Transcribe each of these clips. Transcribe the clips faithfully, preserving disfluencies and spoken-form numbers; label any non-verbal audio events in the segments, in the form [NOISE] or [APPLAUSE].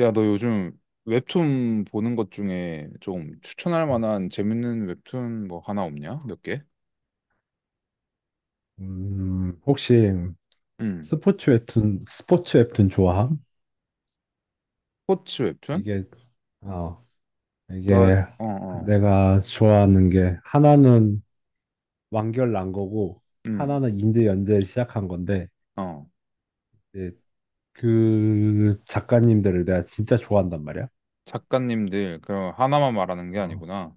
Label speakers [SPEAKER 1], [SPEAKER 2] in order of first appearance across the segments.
[SPEAKER 1] 야, 너 요즘 웹툰 보는 것 중에 좀 추천할 만한 재밌는 웹툰 뭐 하나 없냐? 몇 개?
[SPEAKER 2] 음, 혹시
[SPEAKER 1] 응.
[SPEAKER 2] 스포츠 웹툰, 스포츠 웹툰 좋아함?
[SPEAKER 1] 스포츠 웹툰?
[SPEAKER 2] 이게, 어,
[SPEAKER 1] 나,
[SPEAKER 2] 이게
[SPEAKER 1] 어, 어,
[SPEAKER 2] 내가 좋아하는 게 하나는 완결 난 거고
[SPEAKER 1] 응,
[SPEAKER 2] 하나는 인제 연재를 시작한 건데
[SPEAKER 1] 어.
[SPEAKER 2] 이제 그 작가님들을 내가 진짜 좋아한단 말이야.
[SPEAKER 1] 작가님들, 그, 하나만 말하는 게
[SPEAKER 2] 어,
[SPEAKER 1] 아니구나.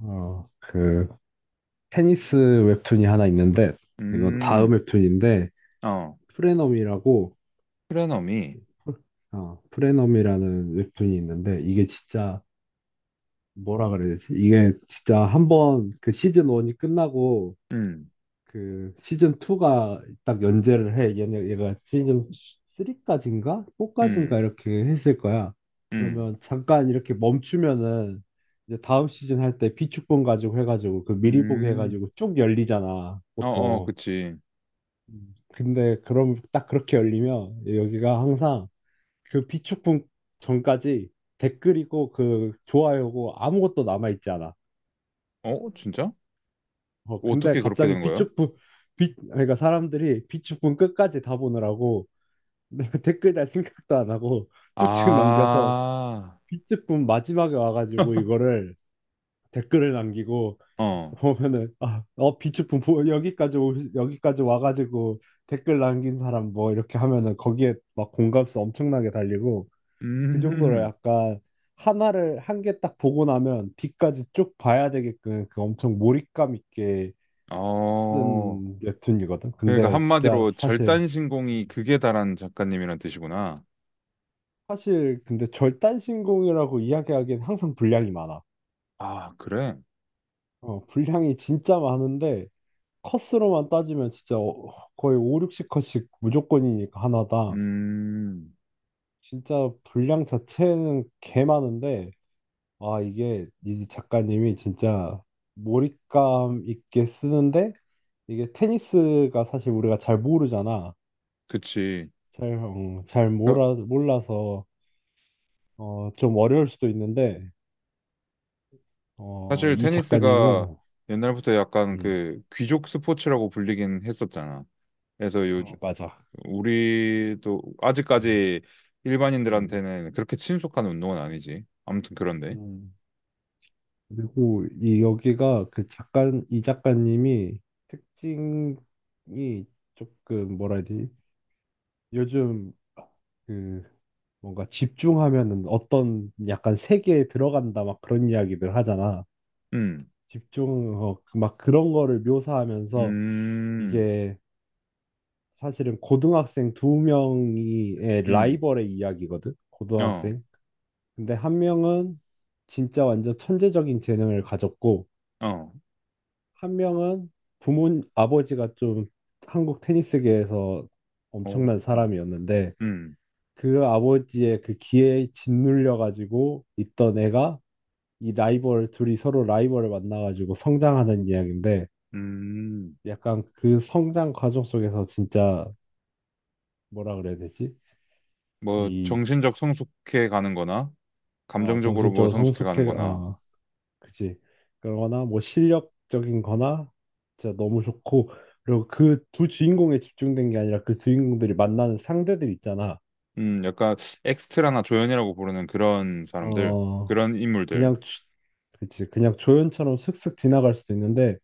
[SPEAKER 2] 어, 그 테니스 웹툰이 하나 있는데 이건 다음
[SPEAKER 1] 음,
[SPEAKER 2] 웹툰인데
[SPEAKER 1] 어.
[SPEAKER 2] 프레넘이라고
[SPEAKER 1] 프레너미.
[SPEAKER 2] 어, 프레넘이라는 웹툰이 있는데 이게 진짜 뭐라 그래야 되지? 이게 진짜 한번 그 시즌 일이 끝나고
[SPEAKER 1] 음,
[SPEAKER 2] 그 시즌 이가 딱 연재를 해. 얘네, 얘가 시즌 삼까지인가? 사까지인가?
[SPEAKER 1] 음,
[SPEAKER 2] 이렇게 했을 거야.
[SPEAKER 1] 음,
[SPEAKER 2] 그러면 잠깐 이렇게 멈추면은 이제 다음 시즌 할 때 비축본 가지고 해가지고 그 미리 보기
[SPEAKER 1] 음.
[SPEAKER 2] 해가지고 쭉 열리잖아,
[SPEAKER 1] 어, 어,
[SPEAKER 2] 보통.
[SPEAKER 1] 그치.
[SPEAKER 2] 음. 근데 그럼 딱 그렇게 열리면 여기가 항상 그 비축본 전까지 댓글이고 그 좋아요고 아무것도 남아있지 않아.
[SPEAKER 1] 어, 진짜?
[SPEAKER 2] 어, 근데
[SPEAKER 1] 어떻게 그렇게 된
[SPEAKER 2] 갑자기
[SPEAKER 1] 거야?
[SPEAKER 2] 비축분, 비, 그러니까 사람들이 비축분 끝까지 다 보느라고 [LAUGHS] 댓글 달 생각도 안 하고 쭉쭉 넘겨서
[SPEAKER 1] 아,
[SPEAKER 2] 비축분 마지막에 와가지고
[SPEAKER 1] [LAUGHS]
[SPEAKER 2] 이거를 댓글을 남기고
[SPEAKER 1] 어.
[SPEAKER 2] 보면은 아, 어, 비축분 보- 여기까지 오, 여기까지 와가지고 댓글 남긴 사람 뭐 이렇게 하면은 거기에 막 공감수 엄청나게 달리고 그 정도로
[SPEAKER 1] 음,
[SPEAKER 2] 약간 하나를 한 개 딱 보고 나면 뒤까지 쭉 봐야 되게끔 그 엄청 몰입감 있게
[SPEAKER 1] 어.
[SPEAKER 2] 쓴 웹툰이거든.
[SPEAKER 1] 그러니까
[SPEAKER 2] 근데 진짜
[SPEAKER 1] 한마디로
[SPEAKER 2] 사실
[SPEAKER 1] 절단신공이 극에 달한 작가님이란 뜻이구나.
[SPEAKER 2] 사실 근데 절단신공이라고 이야기하기엔 항상 분량이 많아.
[SPEAKER 1] 아, 그래?
[SPEAKER 2] 어, 분량이 진짜 많은데 컷으로만 따지면 진짜 어, 거의 오, 육십 컷씩 무조건이니까 하나다.
[SPEAKER 1] 음,
[SPEAKER 2] 진짜 분량 자체는 개 많은데 아 이게 이 작가님이 진짜 몰입감 있게 쓰는데 이게 테니스가 사실 우리가 잘 모르잖아.
[SPEAKER 1] 그치.
[SPEAKER 2] 잘, 어, 잘
[SPEAKER 1] 그러니까
[SPEAKER 2] 몰라, 몰라서 어, 좀 어려울 수도 있는데, 어,
[SPEAKER 1] 사실
[SPEAKER 2] 이
[SPEAKER 1] 테니스가
[SPEAKER 2] 작가님은,
[SPEAKER 1] 옛날부터 약간
[SPEAKER 2] 음,
[SPEAKER 1] 그 귀족 스포츠라고 불리긴 했었잖아. 그래서 요즘
[SPEAKER 2] 어, 맞아.
[SPEAKER 1] 우리도
[SPEAKER 2] 음,
[SPEAKER 1] 아직까지
[SPEAKER 2] 음,
[SPEAKER 1] 일반인들한테는 그렇게 친숙한 운동은 아니지. 아무튼 그런데.
[SPEAKER 2] 음. 그리고 이 여기가 그 작가, 이 작가님이 특징이 조금 뭐라 해야 되지? 요즘 그 뭔가 집중하면은 어떤 약간 세계에 들어간다 막 그런 이야기들 하잖아.
[SPEAKER 1] 음,
[SPEAKER 2] 집중, 어, 그막 그런 거를 묘사하면서
[SPEAKER 1] 음,
[SPEAKER 2] 이게 사실은 고등학생 두 명이 의
[SPEAKER 1] 음,
[SPEAKER 2] 라이벌의 이야기거든.
[SPEAKER 1] 어,
[SPEAKER 2] 고등학생. 근데 한 명은 진짜 완전 천재적인 재능을 가졌고
[SPEAKER 1] 어,
[SPEAKER 2] 한 명은 부모 아버지가 좀 한국 테니스계에서
[SPEAKER 1] 어,
[SPEAKER 2] 엄청난
[SPEAKER 1] 음,
[SPEAKER 2] 사람이었는데
[SPEAKER 1] 음,
[SPEAKER 2] 그 아버지의 그 기회에 짓눌려 가지고 있던 애가 이 라이벌 둘이 서로 라이벌을 만나 가지고 성장하는 이야기인데
[SPEAKER 1] 음.
[SPEAKER 2] 약간 그 성장 과정 속에서 진짜 뭐라 그래야 되지?
[SPEAKER 1] 뭐
[SPEAKER 2] 이
[SPEAKER 1] 정신적 성숙해 가는 거나
[SPEAKER 2] 어,
[SPEAKER 1] 감정적으로 뭐
[SPEAKER 2] 정신적으로
[SPEAKER 1] 성숙해가는
[SPEAKER 2] 성숙해,
[SPEAKER 1] 거나,
[SPEAKER 2] 어, 그치 그러거나, 뭐, 실력적인 거나, 진짜 너무 좋고, 그리고 그 두 주인공에 집중된 게 아니라 그 주인공들이 만나는 상대들 있잖아.
[SPEAKER 1] 음, 약간 엑스트라나 조연이라고 부르는 그런 사람들,
[SPEAKER 2] 어,
[SPEAKER 1] 그런 인물들.
[SPEAKER 2] 그냥, 주- 그치. 그냥 조연처럼 슥슥 지나갈 수도 있는데,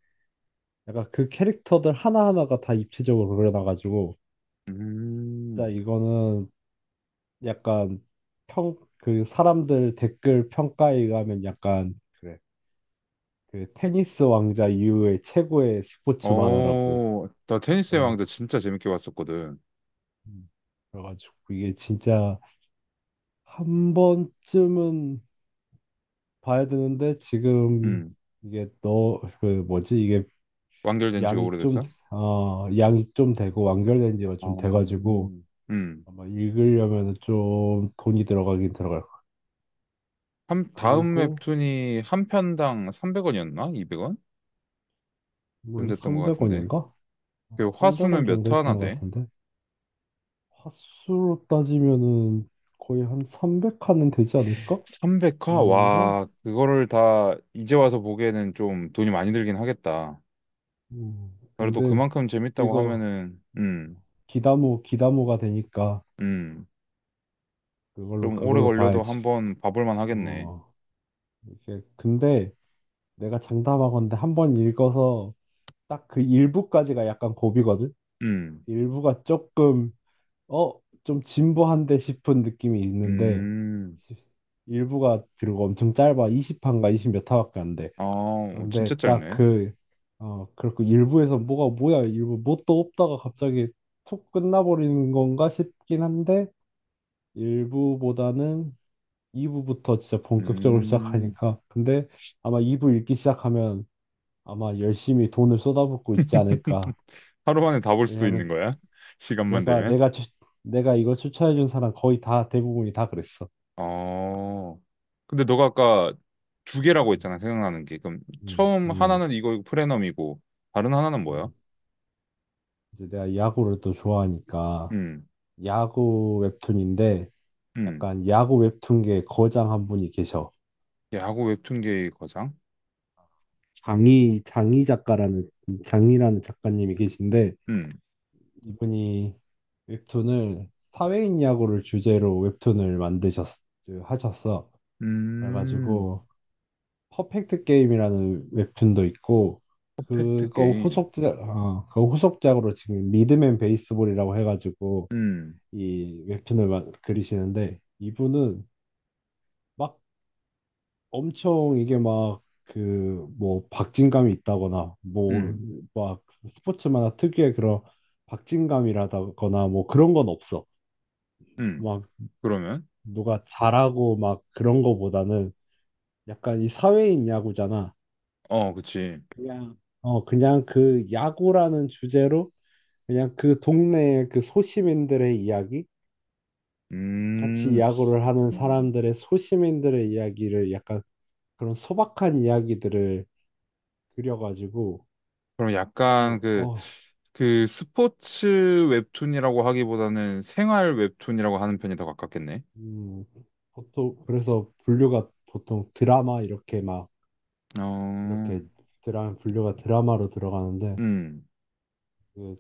[SPEAKER 2] 약간 그 캐릭터들 하나하나가 다 입체적으로 그려놔가지고, 진짜
[SPEAKER 1] 음,
[SPEAKER 2] 이거는 약간 평, 그 사람들 댓글 평가에 가면 약간, 그래. 그 테니스 왕자 이후에 최고의 스포츠 만화라고.
[SPEAKER 1] 어, 나 테니스의
[SPEAKER 2] 음,
[SPEAKER 1] 왕자 진짜 재밌게 봤었거든.
[SPEAKER 2] 음. 그래가지고 이게 진짜 한 번쯤은 봐야 되는데 지금
[SPEAKER 1] 음,
[SPEAKER 2] 이게 너 그 뭐지 이게
[SPEAKER 1] 완결된 지가
[SPEAKER 2] 양이 좀
[SPEAKER 1] 오래됐어?
[SPEAKER 2] 어, 양이 좀 되고 완결된 지가
[SPEAKER 1] 어,
[SPEAKER 2] 좀 돼가지고
[SPEAKER 1] 음.
[SPEAKER 2] 아마 읽으려면 좀 돈이 들어가긴 들어갈 거야.
[SPEAKER 1] 한, 다음
[SPEAKER 2] 그리고
[SPEAKER 1] 웹툰이 한 편당 삼백 원이었나? 이백 원? 좀
[SPEAKER 2] 물론
[SPEAKER 1] 됐던 것 같은데.
[SPEAKER 2] 삼백 원인가?
[SPEAKER 1] 그 화수는
[SPEAKER 2] 삼백 원
[SPEAKER 1] 몇
[SPEAKER 2] 정도
[SPEAKER 1] 화나
[SPEAKER 2] 했던 것
[SPEAKER 1] 돼?
[SPEAKER 2] 같은데 화수로 따지면은 거의 한 삼백 칸은 되지 않을까?
[SPEAKER 1] 삼백 화?
[SPEAKER 2] 아닌가?
[SPEAKER 1] 와, 그거를 다 이제 와서 보기에는 좀 돈이 많이 들긴 하겠다.
[SPEAKER 2] 음,
[SPEAKER 1] 그래도
[SPEAKER 2] 근데
[SPEAKER 1] 그만큼 재밌다고
[SPEAKER 2] 이거
[SPEAKER 1] 하면은, 음,
[SPEAKER 2] 기다모, 기다모가 되니까
[SPEAKER 1] 음,
[SPEAKER 2] 그걸로,
[SPEAKER 1] 좀 오래
[SPEAKER 2] 그걸로
[SPEAKER 1] 걸려도
[SPEAKER 2] 봐야지.
[SPEAKER 1] 한번 봐볼 만 하겠네.
[SPEAKER 2] 어, 이렇게. 근데 내가 장담하건대 한 번 읽어서 딱 그 일부까지가 약간 고비거든?
[SPEAKER 1] 음,
[SPEAKER 2] 일부가 조금, 어, 좀 진보한데 싶은 느낌이 있는데,
[SPEAKER 1] 음,
[SPEAKER 2] 일부가 들고 엄청 짧아. 이십 판가 이십 몇 화밖에 안 돼.
[SPEAKER 1] 아, 어,
[SPEAKER 2] 근데
[SPEAKER 1] 진짜
[SPEAKER 2] 딱
[SPEAKER 1] 짧네.
[SPEAKER 2] 그, 어, 그렇고 일부에서 뭐가 뭐야, 일부 뭣도 없다가 갑자기 툭 끝나버리는 건가 싶긴 한데, 일부보다는 이 부부터 진짜 본격적으로
[SPEAKER 1] 음,
[SPEAKER 2] 시작하니까. 근데 아마 이 부 읽기 시작하면 아마 열심히 돈을 쏟아붓고 있지
[SPEAKER 1] [LAUGHS]
[SPEAKER 2] 않을까.
[SPEAKER 1] 하루 만에 다 볼 수도
[SPEAKER 2] 왜냐하면
[SPEAKER 1] 있는 거야? [LAUGHS] 시간만
[SPEAKER 2] 내가
[SPEAKER 1] 되면?
[SPEAKER 2] 내가 추, 내가 이거 추천해준 사람 거의 다 대부분이 다 그랬어.
[SPEAKER 1] 어, 근데 너가 아까 두 개라고 했잖아, 생각나는 게. 그럼
[SPEAKER 2] 음,
[SPEAKER 1] 처음
[SPEAKER 2] 음,
[SPEAKER 1] 하나는 이거 프레넘이고, 다른 하나는 뭐야?
[SPEAKER 2] 음. 이제 내가 야구를 또 좋아하니까
[SPEAKER 1] 음,
[SPEAKER 2] 야구 웹툰인데
[SPEAKER 1] 음,
[SPEAKER 2] 약간 야구 웹툰계 거장 한 분이 계셔.
[SPEAKER 1] 야구 웹툰계의 거장?
[SPEAKER 2] 장희 장희 작가라는 장희라는 작가님이 계신데
[SPEAKER 1] 음,
[SPEAKER 2] 이분이 웹툰을 사회인 야구를 주제로 웹툰을 만드셨 그, 하셨어.
[SPEAKER 1] 음,
[SPEAKER 2] 그래가지고 퍼펙트 게임이라는 웹툰도 있고
[SPEAKER 1] 퍼펙트
[SPEAKER 2] 그거
[SPEAKER 1] 게임.
[SPEAKER 2] 후속작 어, 그 후속작으로 지금 리드맨 베이스볼이라고 해가지고
[SPEAKER 1] 음,
[SPEAKER 2] 이 웹툰을 마- 그리시는데 이분은 막 엄청 이게 막 그 뭐 박진감이 있다거나 뭐
[SPEAKER 1] 음,
[SPEAKER 2] 막 스포츠마다 특유의 그런 박진감이라거나 뭐 그런 건 없어.
[SPEAKER 1] 음. 그러면?
[SPEAKER 2] 누가 잘하고 막 그런 거보다는 약간 이 사회인 야구잖아.
[SPEAKER 1] 어, 그치.
[SPEAKER 2] 그냥 어 그냥 그 야구라는 주제로 그냥 그 동네의 그 소시민들의 이야기, 같이
[SPEAKER 1] 음,
[SPEAKER 2] 야구를 하는 사람들의 소시민들의 이야기를 약간 그런 소박한 이야기들을 그려가지고
[SPEAKER 1] 그럼 약간
[SPEAKER 2] 그냥
[SPEAKER 1] 그,
[SPEAKER 2] 어
[SPEAKER 1] 그 스포츠 웹툰이라고 하기보다는 생활 웹툰이라고 하는 편이 더 가깝겠네.
[SPEAKER 2] 음, 보통 그래서 분류가 보통 드라마 이렇게 막
[SPEAKER 1] 어,
[SPEAKER 2] 이렇게 드라마 분류가 드라마로 들어가는데
[SPEAKER 1] 음,
[SPEAKER 2] 그,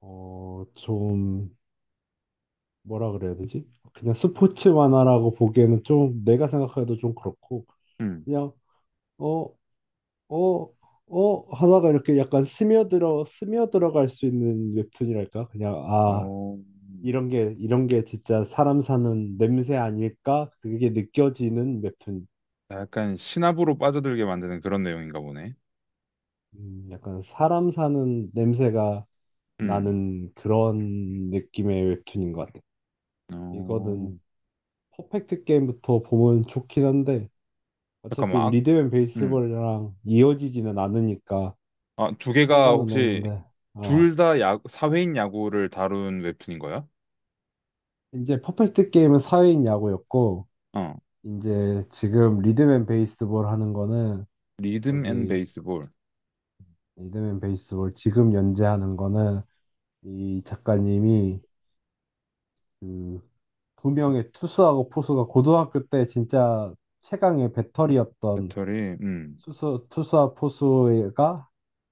[SPEAKER 2] 어, 좀 뭐라 그래야 되지? 그냥 스포츠 만화라고 보기에는 좀 내가 생각해도 좀 그렇고
[SPEAKER 1] 음,
[SPEAKER 2] 그냥 어, 어, 어 하다가 이렇게 약간 스며들어 스며들어갈 수 있는 웹툰이랄까? 그냥 아
[SPEAKER 1] 어,
[SPEAKER 2] 이런 게 이런 게 진짜 사람 사는 냄새 아닐까? 그게 느껴지는 웹툰.
[SPEAKER 1] 약간 신압으로 빠져들게 만드는 그런 내용인가 보네.
[SPEAKER 2] 음, 약간 사람 사는 냄새가
[SPEAKER 1] 음,
[SPEAKER 2] 나는 그런 느낌의 웹툰인 것 같아. 이거는
[SPEAKER 1] 어,
[SPEAKER 2] 퍼펙트 게임부터 보면 좋긴 한데 어차피
[SPEAKER 1] 잠깐만, 아,
[SPEAKER 2] 리드앤
[SPEAKER 1] 음,
[SPEAKER 2] 베이스볼이랑 이어지지는 않으니까
[SPEAKER 1] 아, 두 개가
[SPEAKER 2] 상관은
[SPEAKER 1] 혹시
[SPEAKER 2] 없는데, 아,
[SPEAKER 1] 둘 다 야구, 사회인 야구를 다룬 웹툰인 거야?
[SPEAKER 2] 이제 퍼펙트 게임은 사회인 야구였고,
[SPEAKER 1] 어,
[SPEAKER 2] 이제 지금 리드앤 베이스볼 하는 거는,
[SPEAKER 1] 리듬 앤
[SPEAKER 2] 저기,
[SPEAKER 1] 베이스볼,
[SPEAKER 2] 리드앤 베이스볼 지금 연재하는 거는, 이 작가님이 그, 두 명의 투수하고 포수가 고등학교 때 진짜 최강의 배터리였던
[SPEAKER 1] 배터리, 음,
[SPEAKER 2] 투수, 투수와 포수가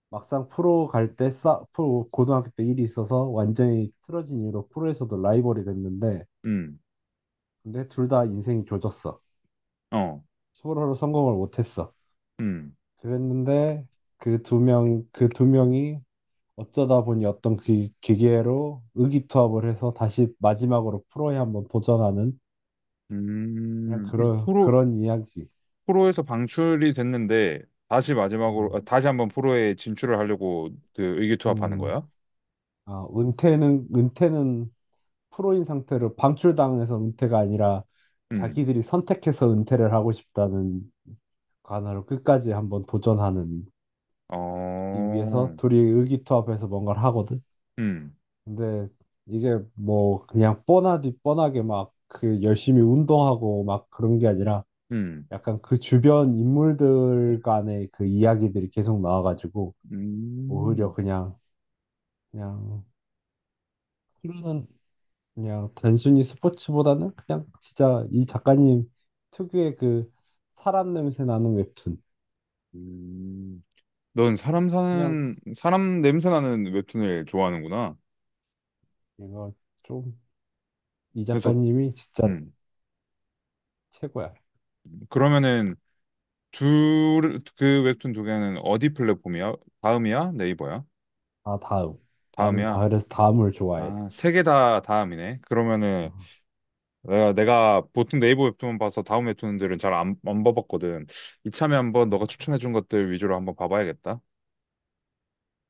[SPEAKER 2] 막상 프로 갈 때 싸, 프로 고등학교 때 일이 있어서 완전히 틀어진 이유로 프로에서도 라이벌이 됐는데
[SPEAKER 1] 음,
[SPEAKER 2] 근데 둘 다 인생이 조졌어.
[SPEAKER 1] 어.
[SPEAKER 2] 서로로 성공을 못했어.
[SPEAKER 1] 음,
[SPEAKER 2] 그랬는데 그 두 명, 그 두 명이 어쩌다 보니 어떤 기, 기계로 의기투합을 해서 다시 마지막으로 프로에 한번 도전하는 그냥
[SPEAKER 1] 음, 이게
[SPEAKER 2] 그런
[SPEAKER 1] 프로,
[SPEAKER 2] 그런 이야기.
[SPEAKER 1] 프로에서 방출이 됐는데, 다시 마지막으로,
[SPEAKER 2] 음,
[SPEAKER 1] 아, 다시 한번 프로에 진출을 하려고 그 의기투합하는
[SPEAKER 2] 음,
[SPEAKER 1] 거야?
[SPEAKER 2] 아, 은퇴는 은퇴는 프로인 상태로 방출당해서 은퇴가 아니라
[SPEAKER 1] 음,
[SPEAKER 2] 자기들이 선택해서 은퇴를 하고 싶다는 관화로 끝까지 한번 도전하는 이 위해서
[SPEAKER 1] 어,
[SPEAKER 2] 둘이 의기투합해서 뭔가를 하거든.
[SPEAKER 1] 음,
[SPEAKER 2] 근데 이게 뭐 그냥 뻔하디 뻔하게 막 그 열심히 운동하고 막 그런 게 아니라
[SPEAKER 1] 음,
[SPEAKER 2] 약간 그 주변 인물들 간의 그 이야기들이 계속 나와가지고
[SPEAKER 1] 음,
[SPEAKER 2] 오히려 그냥 그냥 흐르는 그냥 단순히 스포츠보다는 그냥 진짜 이 작가님 특유의 그 사람 냄새 나는 웹툰.
[SPEAKER 1] 음. 넌 사람
[SPEAKER 2] 그냥
[SPEAKER 1] 사는, 사람 냄새 나는 웹툰을 좋아하는구나.
[SPEAKER 2] 이거 좀 이
[SPEAKER 1] 그래서,
[SPEAKER 2] 작가님이 진짜
[SPEAKER 1] 음,
[SPEAKER 2] 최고야.
[SPEAKER 1] 그러면은, 둘, 그 웹툰 두 개는 어디 플랫폼이야? 다음이야? 네이버야?
[SPEAKER 2] 아 다음. 나는 다
[SPEAKER 1] 다음이야?
[SPEAKER 2] 그래서 다음을 좋아해.
[SPEAKER 1] 아, 세 개 다 다음이네. 그러면은,
[SPEAKER 2] 아,
[SPEAKER 1] 내가, 내가 보통 네이버 웹툰만 봐서 다음 웹툰들은 잘 안, 안 봐봤거든. 이참에 한번 너가
[SPEAKER 2] 음.
[SPEAKER 1] 추천해준 것들 위주로 한번 봐봐야겠다.